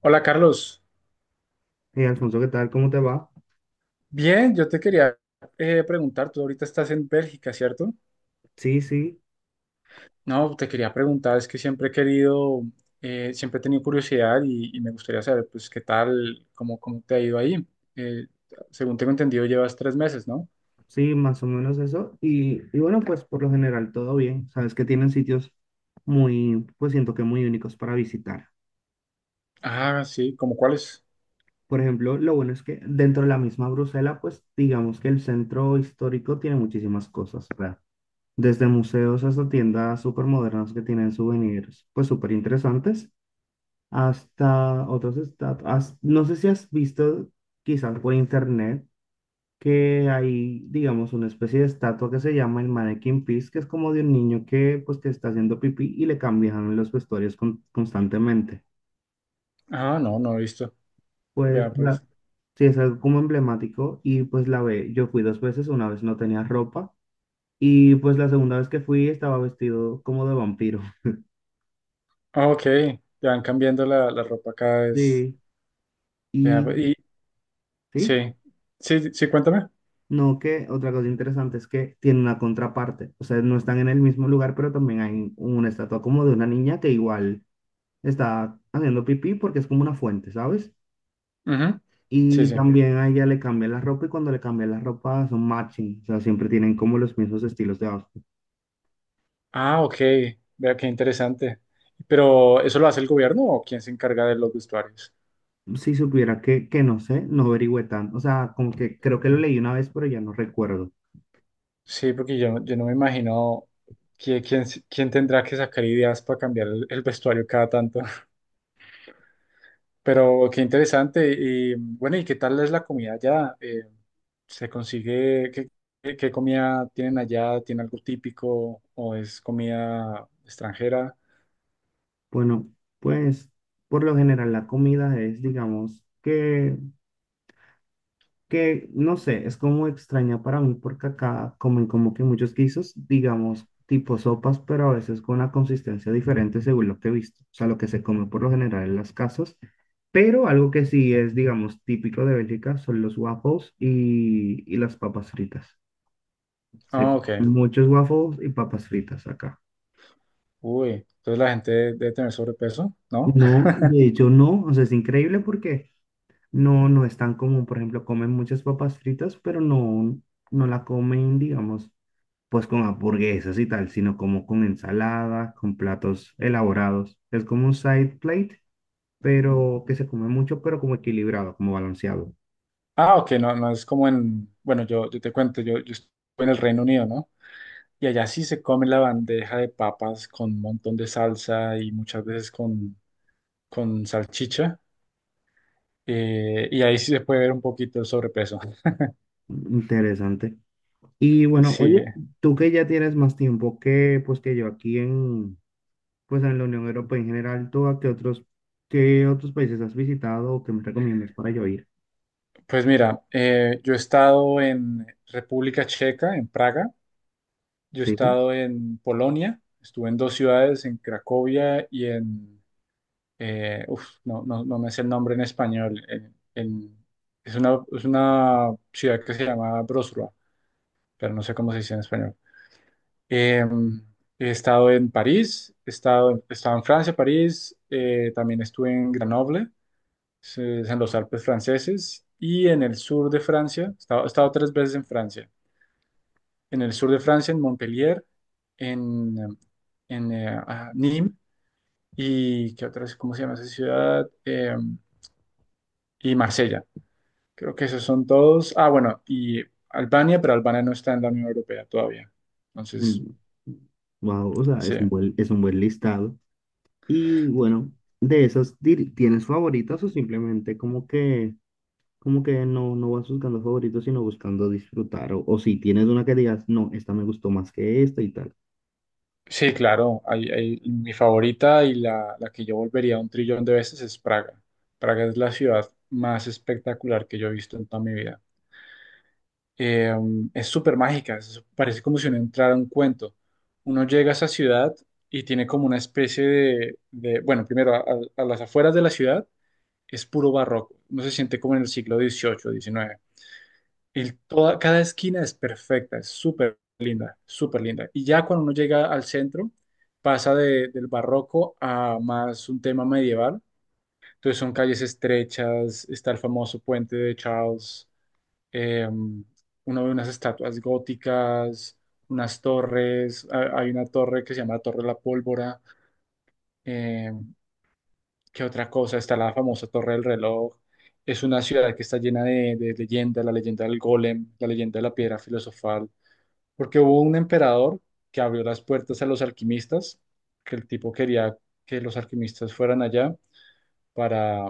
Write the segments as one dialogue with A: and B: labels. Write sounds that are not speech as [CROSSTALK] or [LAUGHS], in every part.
A: Hola Carlos,
B: Hey, Alfonso, ¿qué tal? ¿Cómo te va?
A: bien, yo te quería preguntar, tú ahorita estás en Bélgica, ¿cierto?
B: Sí, sí,
A: No, te quería preguntar, es que siempre he querido, siempre he tenido curiosidad y me gustaría saber, pues, qué tal, cómo te ha ido ahí. Eh, Según tengo entendido, llevas tres meses, ¿no?
B: sí, más o menos eso. Y bueno, pues por lo general todo bien. Sabes que tienen sitios muy, pues siento que muy únicos para visitar.
A: Ah, sí, ¿cómo cuáles?
B: Por ejemplo, lo bueno es que dentro de la misma Bruselas, pues digamos que el centro histórico tiene muchísimas cosas, ¿verdad? Desde museos hasta tiendas súper modernas que tienen souvenirs, pues súper interesantes, hasta otros estados. No sé si has visto quizás por internet que hay, digamos, una especie de estatua que se llama el Mannequin Pis, que es como de un niño que, pues, que está haciendo pipí y le cambian los vestuarios constantemente.
A: Ah, no, no he visto.
B: Pues,
A: Vea, pues.
B: sí, es algo como emblemático y pues la ve, yo fui dos veces, una vez no tenía ropa y pues la segunda vez que fui estaba vestido como de vampiro. [LAUGHS]
A: Ah, ok, te van cambiando la ropa cada vez.
B: Sí,
A: Vea, pues,
B: y
A: y
B: sí,
A: sí, sí, sí, cuéntame.
B: no que otra cosa interesante es que tiene una contraparte, o sea, no están en el mismo lugar, pero también hay una estatua como de una niña que igual está haciendo pipí porque es como una fuente, ¿sabes?
A: Ujú. Sí,
B: Y
A: sí.
B: también a ella le cambian la ropa y cuando le cambian la ropa son matching, o sea, siempre tienen como los mismos estilos de outfit.
A: Ah, ok. Vea qué interesante. Pero ¿eso lo hace el gobierno o quién se encarga de los vestuarios?
B: Si supiera que no sé, no averigüé tanto, o sea, como que creo que lo leí una vez, pero ya no recuerdo.
A: Sí, porque yo no me imagino quién, quién tendrá que sacar ideas para cambiar el vestuario cada tanto. [LAUGHS] Pero qué interesante. Y bueno, ¿y qué tal es la comida allá? ¿Se consigue? ¿Qué- qué comida tienen allá? ¿Tiene algo típico o es comida extranjera?
B: Bueno, pues por lo general la comida es, digamos, que no sé, es como extraña para mí porque acá comen como que muchos guisos, digamos, tipo sopas, pero a veces con una consistencia diferente según lo que he visto, o sea, lo que se come por lo general en las casas, pero algo que sí es, digamos, típico de Bélgica son los waffles y las papas fritas. Se
A: Ah, ok.
B: comen muchos waffles y papas fritas acá.
A: Uy, entonces la gente debe tener sobrepeso, ¿no?
B: No, de hecho no, o sea, es increíble porque no, no es tan común, por ejemplo, comen muchas papas fritas, pero no, no la comen, digamos pues con hamburguesas y tal, sino como con ensaladas, con platos elaborados. Es como un side plate, pero que se come mucho, pero como equilibrado, como balanceado.
A: Ah, ok, no, no es como en, bueno, yo te cuento, yo estuve en el Reino Unido, ¿no? Y allá sí se come la bandeja de papas con un montón de salsa y muchas veces con salchicha. Y ahí sí se puede ver un poquito el sobrepeso. [LAUGHS]
B: Interesante. Y bueno, oye,
A: Sí,
B: tú que ya tienes más tiempo que pues que yo aquí en pues en la Unión Europea en general, ¿tú a qué otros países has visitado o qué me recomiendas para yo ir?
A: pues mira, yo he estado en República Checa, en Praga, yo he
B: Sí.
A: estado en Polonia, estuve en dos ciudades, en Cracovia y en uf, no, no, no me sé el nombre en español. Es una, es una ciudad que se llama Broslova, pero no sé cómo se dice en español. Eh, He estado en París, he estado en Francia, París, también estuve en Grenoble, es en los Alpes franceses, y en el sur de Francia, he estado tres veces en Francia. En el sur de Francia, en Montpellier, en, eh, en Nîmes, y ¿qué otras? ¿Cómo se llama esa ciudad? Y Marsella. Creo que esos son todos. Ah, bueno, y Albania, pero Albania no está en la Unión Europea todavía. Entonces,
B: Wow, o sea,
A: sí,
B: es un buen listado. Y bueno, de esas, ¿tienes favoritas o simplemente como que no, no vas buscando favoritos, sino buscando disfrutar? O si tienes una que digas, no, esta me gustó más que esta y tal.
A: sí, claro. Mi favorita y la que yo volvería un trillón de veces es Praga. Praga es la ciudad más espectacular que yo he visto en toda mi vida. Eh, es súper mágica, es- parece como si uno entrara a un cuento. Uno llega a esa ciudad y tiene como una especie de bueno, primero a las afueras de la ciudad es puro barroco. Uno se siente como en el siglo XVIII, XIX. Y toda, cada esquina es perfecta, es súper linda, súper linda. Y ya cuando uno llega al centro, pasa del barroco a más un tema medieval. Entonces son calles estrechas, está el famoso puente de Charles, uno ve unas estatuas góticas, unas torres, hay una torre que se llama la Torre de la Pólvora, eh, ¿qué otra cosa? Está la famosa Torre del Reloj. Es una ciudad que está llena de leyendas, la leyenda del golem, la leyenda de la piedra filosofal porque hubo un emperador que abrió las puertas a los alquimistas, que el tipo quería que los alquimistas fueran allá para,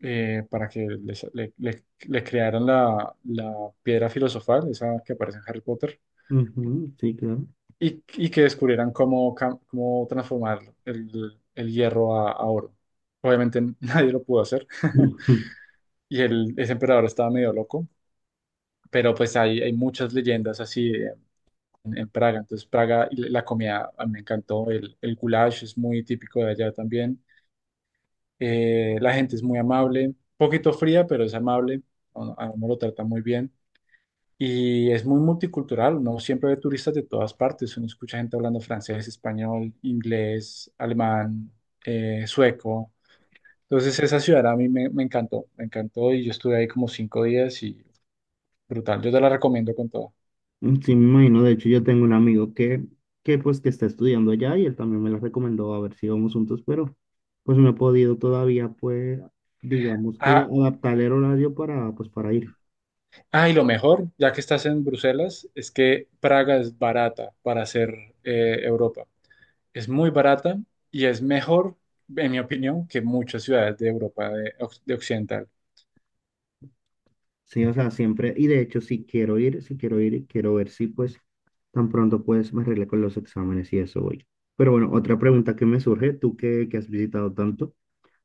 A: para que le crearan la piedra filosofal, esa que aparece en Harry Potter,
B: Ujú, sí, claro.
A: y que descubrieran cómo transformar el hierro a oro. Obviamente [LAUGHS] nadie lo pudo hacer, [LAUGHS]
B: [LAUGHS] Ujú.
A: ese emperador estaba medio loco, pero pues hay muchas leyendas así, en Praga. Entonces, Praga, y la comida a mí me encantó, el goulash es muy típico de allá también. La gente es muy amable, poquito fría, pero es amable, a uno lo trata muy bien. Y es muy multicultural, uno siempre ve turistas de todas partes, uno escucha gente hablando francés, español, inglés, alemán, sueco. Entonces esa ciudad me encantó y yo estuve ahí como cinco días y brutal, yo te la recomiendo con todo.
B: Sí, me imagino. De hecho, yo tengo un amigo que pues que está estudiando allá y él también me la recomendó a ver si íbamos juntos, pero pues no he podido todavía, pues, digamos que
A: Ah,
B: adaptar el horario para, pues, para ir.
A: ah, y lo mejor, ya que estás en Bruselas, es que Praga es barata para hacer Europa. Es muy barata y es mejor, en mi opinión, que muchas ciudades de Europa de occidental.
B: Sí, o sea, siempre, y de hecho, si quiero ir, quiero ver si pues tan pronto pues me arregle con los exámenes y eso voy. Pero bueno, otra pregunta que me surge, tú que has visitado tanto,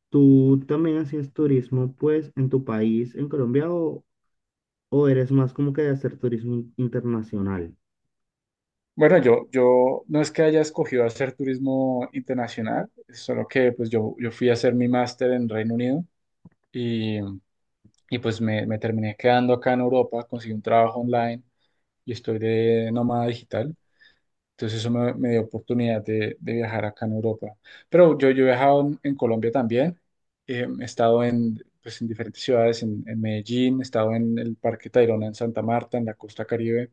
B: ¿tú también hacías turismo pues en tu país, en Colombia, o eres más como que de hacer turismo internacional?
A: Bueno, yo no es que haya escogido hacer turismo internacional, solo que pues yo fui a hacer mi máster en Reino Unido y, y, pues me terminé quedando acá en Europa, conseguí un trabajo online y estoy de nómada digital. Entonces eso me dio oportunidad de viajar acá en Europa. Pero yo he viajado en Colombia también. He estado en, pues, en diferentes ciudades, en Medellín, he estado en el Parque Tayrona en Santa Marta, en la Costa Caribe,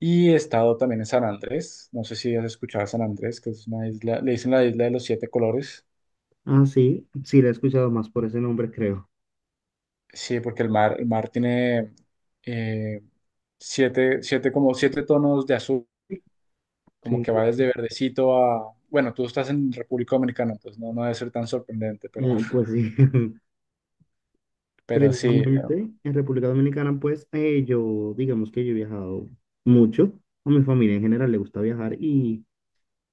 A: y he estado también en San Andrés. No sé si has escuchado a San Andrés, que es una isla, le dicen la isla de los siete colores.
B: Ah, sí, sí, la he escuchado más por ese nombre, creo.
A: Sí, porque el mar tiene eh, siete, como siete tonos de azul. Como
B: Sí,
A: que va
B: claro.
A: desde verdecito a, bueno, tú estás en República Dominicana, entonces no, no debe ser tan sorprendente, pero, [LAUGHS]
B: Pues sí. [LAUGHS]
A: pero sí,
B: Precisamente en República Dominicana, pues yo, digamos que yo he viajado mucho, a mi familia en general le gusta viajar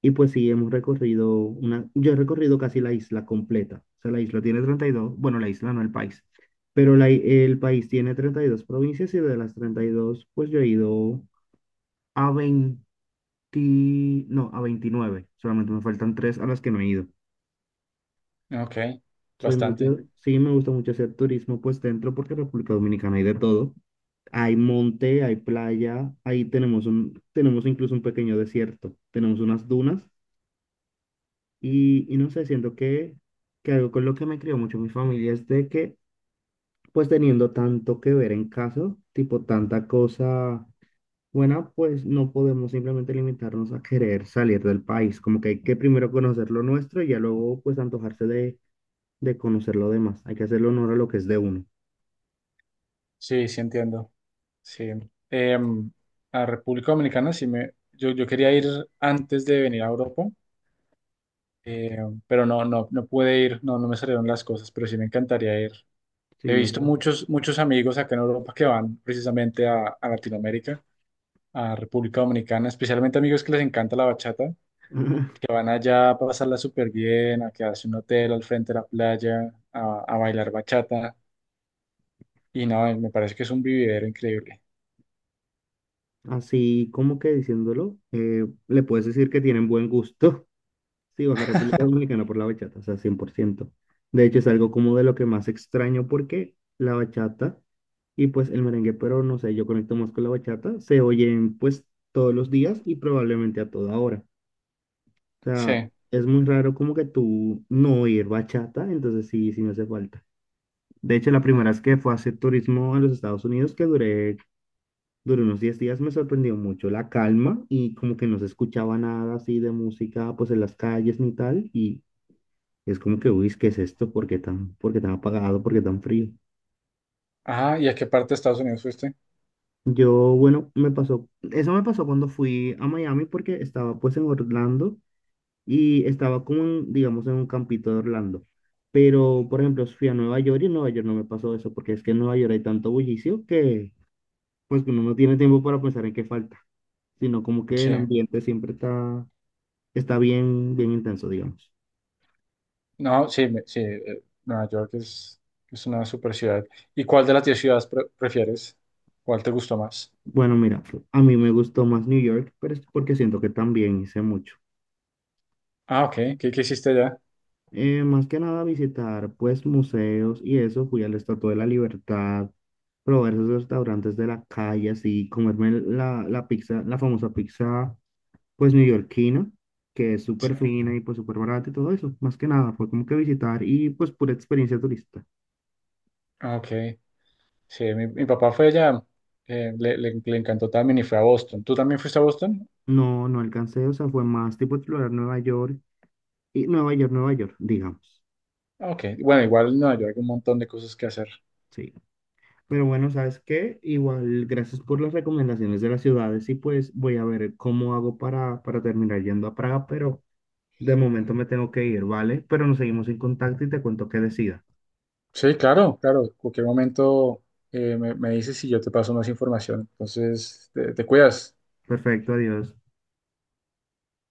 B: y pues sí, hemos recorrido una, yo he recorrido casi la isla completa, o sea, la isla tiene 32 bueno, la isla no el país, pero el país tiene 32 provincias y de las 32 pues yo he ido a 20, no, a 29. Solamente me faltan tres a las que no he ido.
A: ok,
B: Soy
A: bastante.
B: mucho, sí, me gusta mucho hacer turismo pues dentro porque en República Dominicana hay de todo. Hay monte, hay playa, ahí tenemos un, tenemos incluso un pequeño desierto, tenemos unas dunas y no sé, siento que algo con lo que me crió mucho mi familia es de que pues teniendo tanto que ver en casa, tipo tanta cosa buena, pues no podemos simplemente limitarnos a querer salir del país, como que hay que primero conocer lo nuestro y ya luego pues antojarse de conocer lo demás, hay que hacerle honor a lo que es de uno.
A: Sí, sí entiendo. Sí. Em, a República Dominicana sí me, yo quería ir antes de venir a Europa, eh, pero no, no, no pude ir, no, no me salieron las cosas, pero sí me encantaría ir. He
B: Sí, o
A: visto
B: sea,
A: muchos amigos acá en Europa que van precisamente a Latinoamérica, a República Dominicana, especialmente amigos que les encanta la bachata. Que
B: [LAUGHS]
A: van allá a pasarla súper bien, a quedarse en un hotel al frente de la playa, a bailar bachata. Y no, me parece que es un vividero increíble.
B: así como que diciéndolo, le puedes decir que tienen buen gusto. [LAUGHS] Sí, vas a República Dominicana por la bachata, o sea, 100%. De hecho, es algo como de lo que más extraño porque la bachata y pues el merengue, pero no sé, yo conecto más con la bachata, se oyen pues todos los días y probablemente a toda hora. O sea,
A: Sí.
B: es muy raro como que tú no oír bachata, entonces sí, sí me hace falta. De hecho, la primera vez que fue a hacer turismo a los Estados Unidos, que duré Duró unos 10 días, me sorprendió mucho la calma y como que no se escuchaba nada así de música pues en las calles ni tal y es como que, uy, ¿qué es esto? Por qué tan apagado? ¿Por qué tan frío?
A: Ajá, ¿y a qué parte de Estados Unidos fuiste?
B: Yo, bueno, me pasó, eso me pasó cuando fui a Miami porque estaba pues en Orlando y estaba como en, digamos, en un campito de Orlando. Pero, por ejemplo, fui a Nueva York y en Nueva York no me pasó eso porque es que en Nueva York hay tanto bullicio que pues que uno no tiene tiempo para pensar en qué falta, sino como que
A: Sí.
B: el ambiente siempre está bien, bien intenso, digamos.
A: No, sí, sí, Nueva York es una super ciudad. ¿Y cuál de las 10 ciudades prefieres? ¿Cuál te gustó más?
B: Bueno, mira, a mí me gustó más New York, pero es porque siento que también hice mucho.
A: Ah, ok. ¿Qué, qué hiciste allá?
B: Más que nada visitar, pues, museos y eso, fui a la Estatua de la Libertad, probar esos restaurantes de la calle, así, comerme la pizza, la famosa pizza, pues, neoyorquina, que es
A: Sí.
B: súper fina y, pues, súper barata y todo eso. Más que nada, fue como que visitar y, pues, pura experiencia turista.
A: Ah, ok. Sí, mi papá fue allá. Le encantó también y fue a Boston. ¿Tú también fuiste a Boston?
B: No, no alcancé, o sea, fue más tipo explorar Nueva York y Nueva York, Nueva York, digamos.
A: Ah, ok. Bueno, igual en Nueva York hay un montón de cosas que hacer.
B: Sí. Pero bueno, ¿sabes qué? Igual, gracias por las recomendaciones de las ciudades y pues voy a ver cómo hago para terminar yendo a Praga, pero de momento me tengo que ir, ¿vale? Pero nos seguimos en contacto y te cuento qué decida.
A: Sí, claro, claro. En cualquier momento me dices si yo te paso más información. Entonces, te cuidas.
B: Perfecto, adiós.